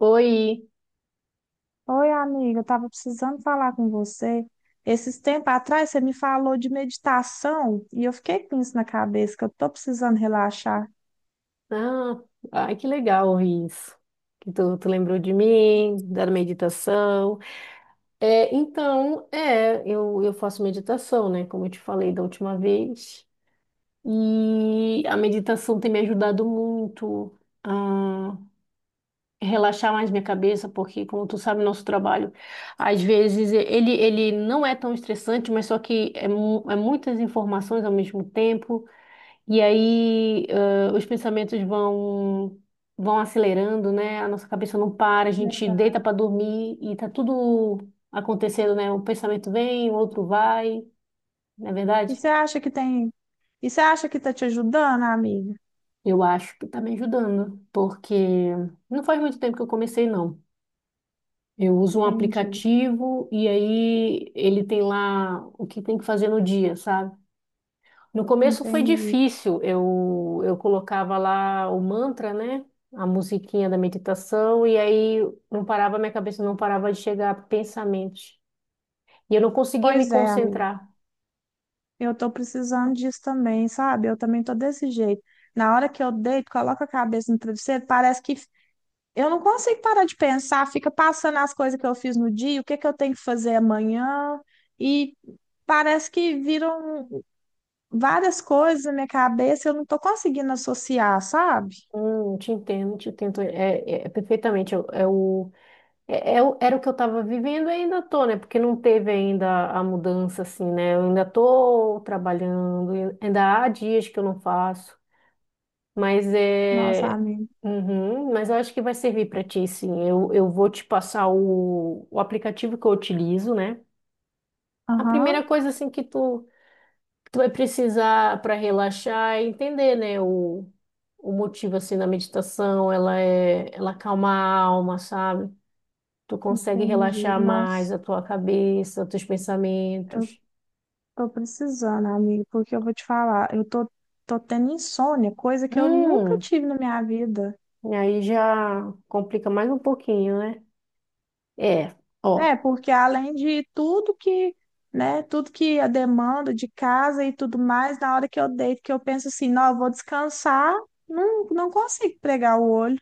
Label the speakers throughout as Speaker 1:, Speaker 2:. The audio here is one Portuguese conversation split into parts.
Speaker 1: Oi!
Speaker 2: Oi, amiga, eu estava precisando falar com você. Esses tempos atrás você me falou de meditação e eu fiquei com isso na cabeça, que eu estou precisando relaxar.
Speaker 1: Ah, Ai, que legal isso. Que tu lembrou de mim, da meditação. Eu faço meditação, né? Como eu te falei da última vez. E a meditação tem me ajudado muito a relaxar mais minha cabeça, porque, como tu sabe, nosso trabalho, às vezes, ele não é tão estressante, mas só que é, mu- é muitas informações ao mesmo tempo. E aí, os pensamentos vão acelerando, né? A nossa cabeça não para, a gente
Speaker 2: Né?
Speaker 1: deita para dormir e tá tudo acontecendo, né? Um pensamento vem, o outro vai, não é
Speaker 2: E
Speaker 1: verdade?
Speaker 2: você acha que tem. E você acha que está te ajudando, amiga?
Speaker 1: Eu acho que tá me ajudando, porque não faz muito tempo que eu comecei, não. Eu uso um
Speaker 2: Entendi,
Speaker 1: aplicativo e aí ele tem lá o que tem que fazer no dia, sabe? No começo foi
Speaker 2: entendi.
Speaker 1: difícil, eu colocava lá o mantra, né? A musiquinha da meditação, e aí não parava, minha cabeça não parava de chegar pensamentos. E eu não conseguia me
Speaker 2: Pois é, amiga,
Speaker 1: concentrar.
Speaker 2: eu tô precisando disso também, sabe? Eu também tô desse jeito. Na hora que eu deito, coloco a cabeça no travesseiro, parece que eu não consigo parar de pensar, fica passando as coisas que eu fiz no dia, o que que eu tenho que fazer amanhã, e parece que viram várias coisas na minha cabeça, eu não tô conseguindo associar, sabe?
Speaker 1: Te entendo, é perfeitamente. Era o que eu estava vivendo e ainda tô, né? Porque não teve ainda a mudança, assim, né? Eu ainda tô trabalhando, ainda há dias que eu não faço. Mas
Speaker 2: Nossa,
Speaker 1: é.
Speaker 2: amiga.
Speaker 1: Uhum, mas eu acho que vai servir para ti, sim. Eu vou te passar o aplicativo que eu utilizo, né? A primeira
Speaker 2: Aham,
Speaker 1: coisa, assim, que tu vai precisar para relaxar é entender, né? O motivo, assim, da meditação. Ela acalma a alma, sabe? Tu consegue
Speaker 2: entendi.
Speaker 1: relaxar mais
Speaker 2: Nossa,
Speaker 1: a tua cabeça, teus
Speaker 2: eu
Speaker 1: pensamentos.
Speaker 2: tô precisando, amigo, porque eu vou te falar, tô tendo insônia, coisa que eu nunca
Speaker 1: Hum,
Speaker 2: tive na minha vida.
Speaker 1: e aí já complica mais um pouquinho, né? É, ó.
Speaker 2: É, porque além de tudo que, né, tudo que a demanda de casa e tudo mais, na hora que eu deito, que eu penso assim, não, eu vou descansar, não consigo pregar o olho.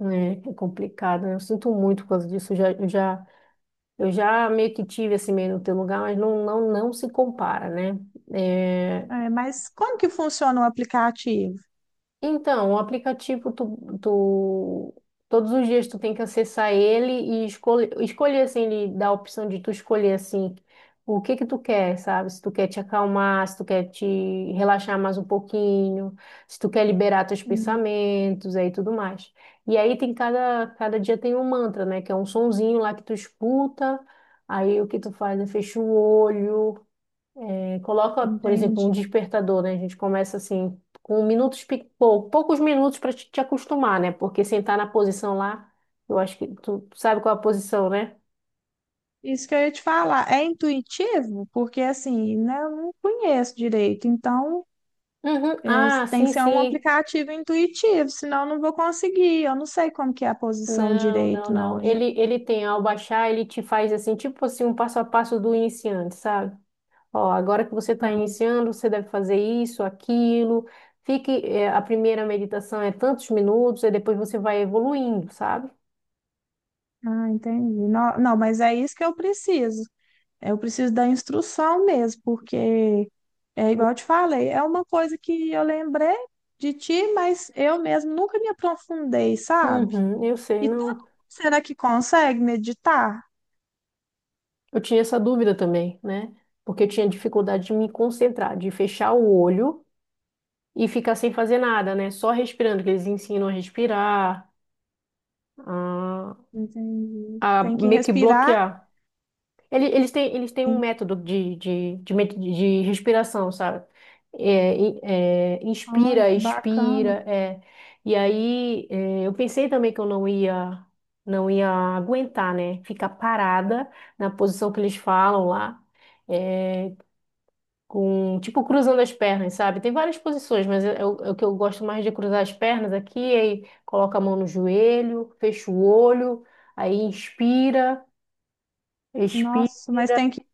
Speaker 1: É, é complicado, né? Eu sinto muito por causa disso. Eu já meio que tive assim meio no teu lugar, mas não se compara, né? É,
Speaker 2: É, mas como que funciona o aplicativo?
Speaker 1: então, o aplicativo, todos os dias tu tem que acessar ele e escolher assim, ele dá a opção de tu escolher, assim, o que que tu quer, sabe? Se tu quer te acalmar, se tu quer te relaxar mais um pouquinho, se tu quer liberar teus
Speaker 2: Hum,
Speaker 1: pensamentos, aí tudo mais. E aí tem cada dia tem um mantra, né? Que é um sonzinho lá que tu escuta, aí o que tu faz é fecha o olho, coloca, por exemplo, um
Speaker 2: entendi.
Speaker 1: despertador, né? A gente começa assim com minutos, poucos minutos para te acostumar, né? Porque sentar na posição lá, eu acho que tu sabe qual é a posição, né?
Speaker 2: Isso que eu ia te falar, é intuitivo? Porque assim, né, eu não conheço direito, então
Speaker 1: Uhum.
Speaker 2: isso
Speaker 1: Ah,
Speaker 2: tem que
Speaker 1: sim,
Speaker 2: ser um
Speaker 1: sim.
Speaker 2: aplicativo intuitivo, senão eu não vou conseguir. Eu não sei como que é a posição direito,
Speaker 1: Não.
Speaker 2: não. Já-
Speaker 1: Ele tem, ao baixar, ele te faz assim, tipo assim, um passo a passo do iniciante, sabe? Ó, agora que você está
Speaker 2: Ah,
Speaker 1: iniciando, você deve fazer isso, aquilo. Fique, a primeira meditação é tantos minutos, e depois você vai evoluindo, sabe?
Speaker 2: ah, entendi. Não, não, mas é isso que eu preciso. Eu preciso da instrução mesmo, porque é igual eu te falei, é uma coisa que eu lembrei de ti, mas eu mesmo nunca me aprofundei, sabe?
Speaker 1: Uhum, eu sei,
Speaker 2: E todo
Speaker 1: não.
Speaker 2: mundo será que consegue meditar?
Speaker 1: Eu tinha essa dúvida também, né? Porque eu tinha dificuldade de me concentrar, de fechar o olho e ficar sem fazer nada, né? Só respirando, que eles ensinam a respirar, a,
Speaker 2: Entendi.
Speaker 1: a
Speaker 2: Tem que
Speaker 1: meio que
Speaker 2: respirar.
Speaker 1: bloquear. Eles têm um
Speaker 2: Sim.
Speaker 1: método de respiração, sabe? É,
Speaker 2: Olha,
Speaker 1: inspira,
Speaker 2: que bacana.
Speaker 1: expira, é. E aí, é, eu pensei também que eu não ia, não ia aguentar, né? Ficar parada na posição que eles falam lá. É, com tipo cruzando as pernas, sabe? Tem várias posições, mas é o que eu gosto mais, de cruzar as pernas aqui, aí coloca a mão no joelho, fecha o olho, aí inspira, expira.
Speaker 2: Nossa,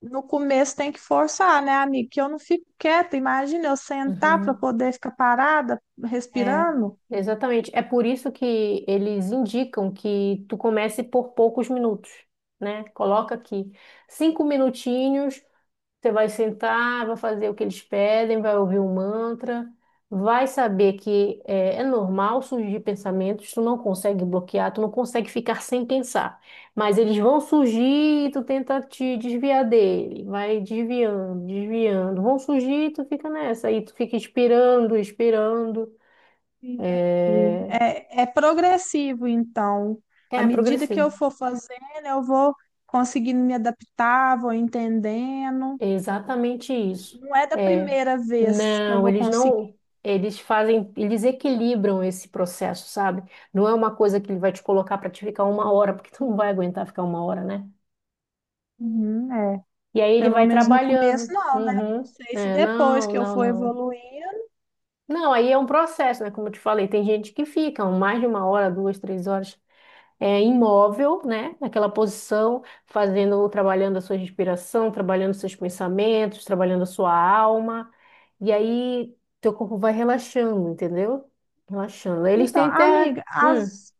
Speaker 2: no começo tem que forçar, né, amigo? Que eu não fico quieta. Imagina eu sentar para
Speaker 1: Uhum.
Speaker 2: poder ficar parada,
Speaker 1: É,
Speaker 2: respirando.
Speaker 1: exatamente. É por isso que eles indicam que tu comece por poucos minutos, né? Coloca aqui cinco minutinhos. Você vai sentar, vai fazer o que eles pedem, vai ouvir o mantra, vai saber que é normal surgir pensamentos, tu não consegue bloquear, tu não consegue ficar sem pensar, mas eles vão surgir e tu tenta te desviar dele, vai desviando, desviando, vão surgir e tu fica nessa, aí tu fica esperando, esperando,
Speaker 2: Entendi.
Speaker 1: é,
Speaker 2: É, é progressivo, então. À
Speaker 1: é
Speaker 2: medida que
Speaker 1: progressivo.
Speaker 2: eu for fazendo, eu vou conseguindo me adaptar, vou entendendo.
Speaker 1: É, exatamente isso.
Speaker 2: Não é da
Speaker 1: É,
Speaker 2: primeira vez que eu
Speaker 1: não,
Speaker 2: vou
Speaker 1: eles
Speaker 2: conseguir.
Speaker 1: não, eles fazem, eles equilibram esse processo, sabe? Não é uma coisa que ele vai te colocar para te ficar uma hora, porque tu não vai aguentar ficar uma hora, né?
Speaker 2: Uhum, é.
Speaker 1: E aí ele
Speaker 2: Pelo
Speaker 1: vai
Speaker 2: menos no começo,
Speaker 1: trabalhando.
Speaker 2: não, né? Não
Speaker 1: Uhum.
Speaker 2: sei se
Speaker 1: É,
Speaker 2: depois que eu for
Speaker 1: não.
Speaker 2: evoluindo.
Speaker 1: Não, aí é um processo, né? Como eu te falei, tem gente que fica mais de uma hora, duas, três horas. É, imóvel, né? Naquela posição, fazendo, trabalhando a sua respiração, trabalhando seus pensamentos, trabalhando a sua alma. E aí, teu corpo vai relaxando, entendeu? Relaxando. Eles
Speaker 2: Então,
Speaker 1: têm até.
Speaker 2: amiga, as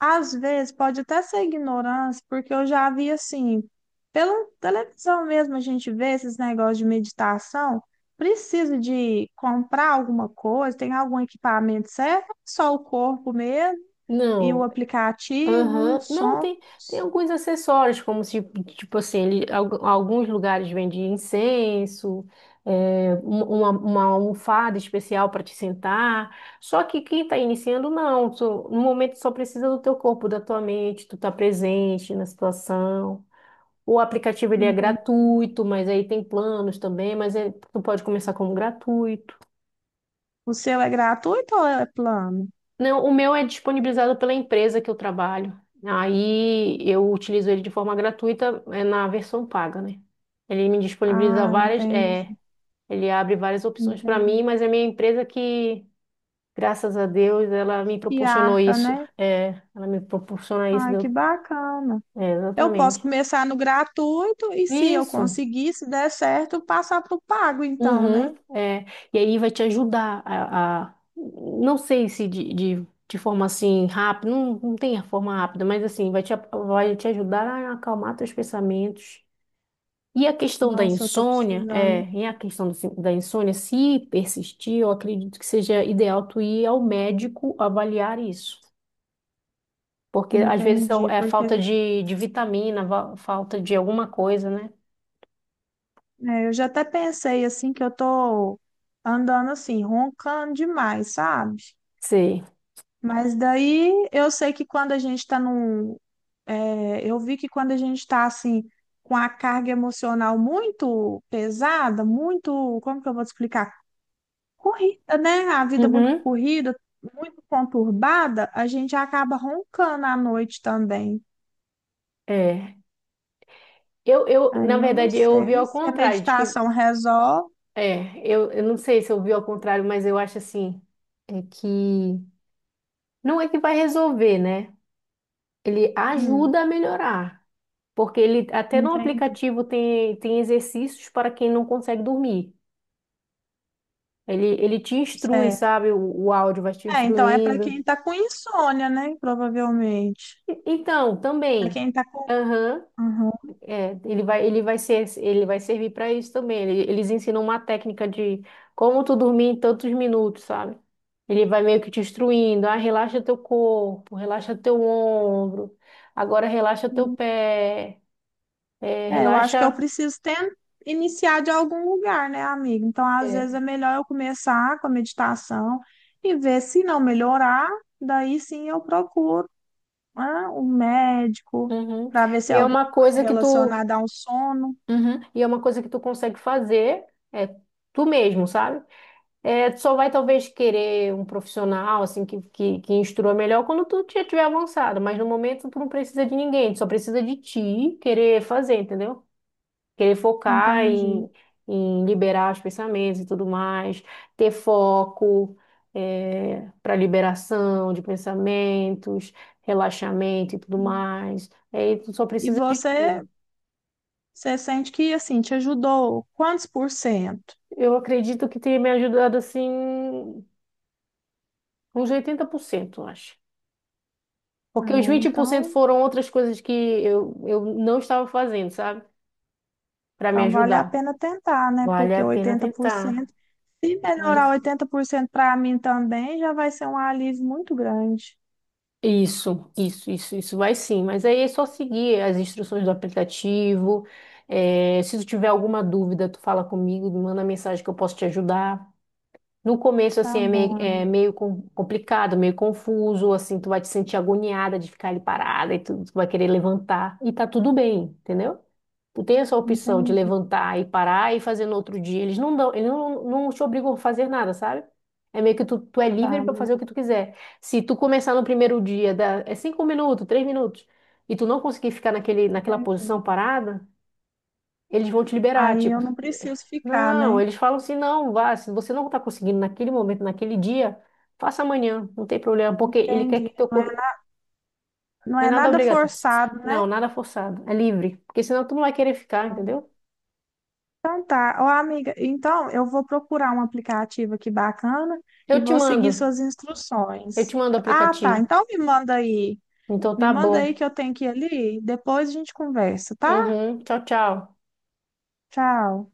Speaker 2: às vezes pode até ser ignorância, porque eu já vi assim, pela televisão mesmo a gente vê esses negócios de meditação, precisa de comprar alguma coisa, tem algum equipamento certo, só o corpo mesmo e o
Speaker 1: Não.
Speaker 2: aplicativo, o
Speaker 1: Aham. Não,
Speaker 2: som,
Speaker 1: tem, tem alguns acessórios, como se, tipo assim, alguns lugares vendem incenso, é, uma almofada especial para te sentar. Só que quem está iniciando, não. No momento só precisa do teu corpo, da tua mente, tu tá presente na situação. O aplicativo ele é
Speaker 2: entende?
Speaker 1: gratuito, mas aí tem planos também, mas tu pode começar como gratuito.
Speaker 2: O seu é gratuito ou é plano?
Speaker 1: Não, o meu é disponibilizado pela empresa que eu trabalho. Aí eu utilizo ele de forma gratuita, é na versão paga, né? Ele me disponibiliza
Speaker 2: Ah,
Speaker 1: várias, é,
Speaker 2: entendi,
Speaker 1: ele abre várias opções para mim,
Speaker 2: entendi.
Speaker 1: mas é minha empresa que, graças a Deus, ela me
Speaker 2: E
Speaker 1: proporcionou
Speaker 2: arca,
Speaker 1: isso.
Speaker 2: né?
Speaker 1: É, ela me proporciona isso,
Speaker 2: Ai, que bacana.
Speaker 1: é,
Speaker 2: Eu posso
Speaker 1: exatamente.
Speaker 2: começar no gratuito e se eu
Speaker 1: Isso.
Speaker 2: conseguir, se der certo, passar para o pago, então,
Speaker 1: Uhum,
Speaker 2: né?
Speaker 1: é. E aí vai te ajudar a não sei se de forma assim rápida, não, não tem a forma rápida, mas assim, vai te ajudar a acalmar teus pensamentos. E a questão da
Speaker 2: Nossa, eu tô
Speaker 1: insônia,
Speaker 2: precisando.
Speaker 1: é, e a questão da insônia, se persistir, eu acredito que seja ideal tu ir ao médico avaliar isso. Porque às vezes é
Speaker 2: Entendi,
Speaker 1: é falta
Speaker 2: porque
Speaker 1: de vitamina, falta de alguma coisa, né?
Speaker 2: é, eu já até pensei assim que eu tô andando assim, roncando demais, sabe?
Speaker 1: Sei.
Speaker 2: Mas daí eu sei que quando a gente tá num. É, eu vi que quando a gente tá assim, com a carga emocional muito pesada, muito. Como que eu vou te explicar? Corrida, né? A vida muito
Speaker 1: Uhum.
Speaker 2: corrida, muito conturbada, a gente acaba roncando à noite também.
Speaker 1: É. Na
Speaker 2: Aí eu não
Speaker 1: verdade, eu ouvi
Speaker 2: sei
Speaker 1: ao
Speaker 2: se a
Speaker 1: contrário, de que...
Speaker 2: meditação resolve.
Speaker 1: É, eu não sei se eu vi ao contrário, mas eu acho assim, é que não é que vai resolver, né? Ele
Speaker 2: Hum,
Speaker 1: ajuda a melhorar, porque ele até no
Speaker 2: entendi.
Speaker 1: aplicativo tem, tem exercícios para quem não consegue dormir. Ele te instrui,
Speaker 2: Certo.
Speaker 1: sabe? O áudio vai te
Speaker 2: É, então é para
Speaker 1: instruindo.
Speaker 2: quem tá com insônia, né? Provavelmente.
Speaker 1: Então,
Speaker 2: Para
Speaker 1: também.
Speaker 2: quem tá com.
Speaker 1: Aham. É, ele vai servir para isso também. Eles ensinam uma técnica de como tu dormir em tantos minutos, sabe? Ele vai meio que te instruindo, ah, relaxa teu corpo, relaxa teu ombro, agora relaxa teu
Speaker 2: Uhum.
Speaker 1: pé, é,
Speaker 2: É, eu acho que eu
Speaker 1: relaxa.
Speaker 2: preciso ten- iniciar de algum lugar, né, amiga? Então, às vezes é
Speaker 1: É.
Speaker 2: melhor eu começar com a meditação e ver se não melhorar, daí sim eu procuro. Ah, o médico,
Speaker 1: Uhum.
Speaker 2: para ver se é
Speaker 1: E é
Speaker 2: alguma
Speaker 1: uma
Speaker 2: coisa
Speaker 1: coisa que tu,
Speaker 2: relacionada ao sono.
Speaker 1: uhum, e é uma coisa que tu consegue fazer, é tu mesmo, sabe? É, tu só vai talvez querer um profissional assim que instrua melhor quando tu já tiver avançado, mas no momento tu não precisa de ninguém, tu só precisa de ti querer fazer, entendeu? Querer focar
Speaker 2: Entendi.
Speaker 1: em, em liberar os pensamentos e tudo mais, ter foco para liberação de pensamentos, relaxamento e tudo mais. Aí tu só
Speaker 2: E
Speaker 1: precisa de
Speaker 2: você,
Speaker 1: ti.
Speaker 2: você sente que assim te ajudou quantos por cento?
Speaker 1: Eu acredito que tenha me ajudado assim uns 80%, eu acho. Porque os
Speaker 2: Ah,
Speaker 1: 20%
Speaker 2: então,
Speaker 1: foram outras coisas que eu não estava fazendo, sabe? Para me
Speaker 2: então vale a
Speaker 1: ajudar.
Speaker 2: pena tentar, né?
Speaker 1: Vale
Speaker 2: Porque
Speaker 1: a pena
Speaker 2: oitenta por
Speaker 1: tentar.
Speaker 2: cento, se
Speaker 1: Olha,
Speaker 2: melhorar 80% para mim também, já vai ser um alívio muito grande.
Speaker 1: isso vai, sim. Mas aí é só seguir as instruções do aplicativo. É, se tu tiver alguma dúvida, tu fala comigo, me manda mensagem que eu posso te ajudar. No começo, assim,
Speaker 2: Tá bom,
Speaker 1: é
Speaker 2: amiga.
Speaker 1: meio complicado, meio confuso, assim, tu vai te sentir agoniada de ficar ali parada e tu vai querer levantar. E tá tudo bem, entendeu? Tu tem essa opção de
Speaker 2: Entendi,
Speaker 1: levantar e parar e fazer no outro dia. Eles não dão, eles não, não te obrigam a fazer nada, sabe? É meio que tu é livre
Speaker 2: tá
Speaker 1: para
Speaker 2: bom,
Speaker 1: fazer o que tu quiser. Se tu começar no primeiro dia, dá, é 5 minutos, 3 minutos, e tu não conseguir ficar naquela
Speaker 2: entendi.
Speaker 1: posição parada, eles vão te liberar,
Speaker 2: Aí
Speaker 1: tipo.
Speaker 2: eu não preciso ficar,
Speaker 1: Não,
Speaker 2: né?
Speaker 1: eles falam assim, não, vá, se você não tá conseguindo naquele momento, naquele dia, faça amanhã, não tem problema, porque ele quer
Speaker 2: Entendi.
Speaker 1: que teu corpo...
Speaker 2: Não
Speaker 1: Não é
Speaker 2: é
Speaker 1: nada
Speaker 2: nada
Speaker 1: obrigatório.
Speaker 2: forçado, né?
Speaker 1: Não, nada forçado, é livre, porque senão tu não vai querer ficar, entendeu?
Speaker 2: Então tá, ó amiga, então eu vou procurar um aplicativo aqui bacana
Speaker 1: Eu
Speaker 2: e
Speaker 1: te
Speaker 2: vou seguir
Speaker 1: mando.
Speaker 2: suas
Speaker 1: Eu te
Speaker 2: instruções.
Speaker 1: mando o
Speaker 2: Ah, tá,
Speaker 1: aplicativo. Então
Speaker 2: me
Speaker 1: tá
Speaker 2: manda aí
Speaker 1: bom.
Speaker 2: que eu tenho que ir ali, depois a gente conversa, tá?
Speaker 1: Uhum. Tchau, tchau.
Speaker 2: Tchau.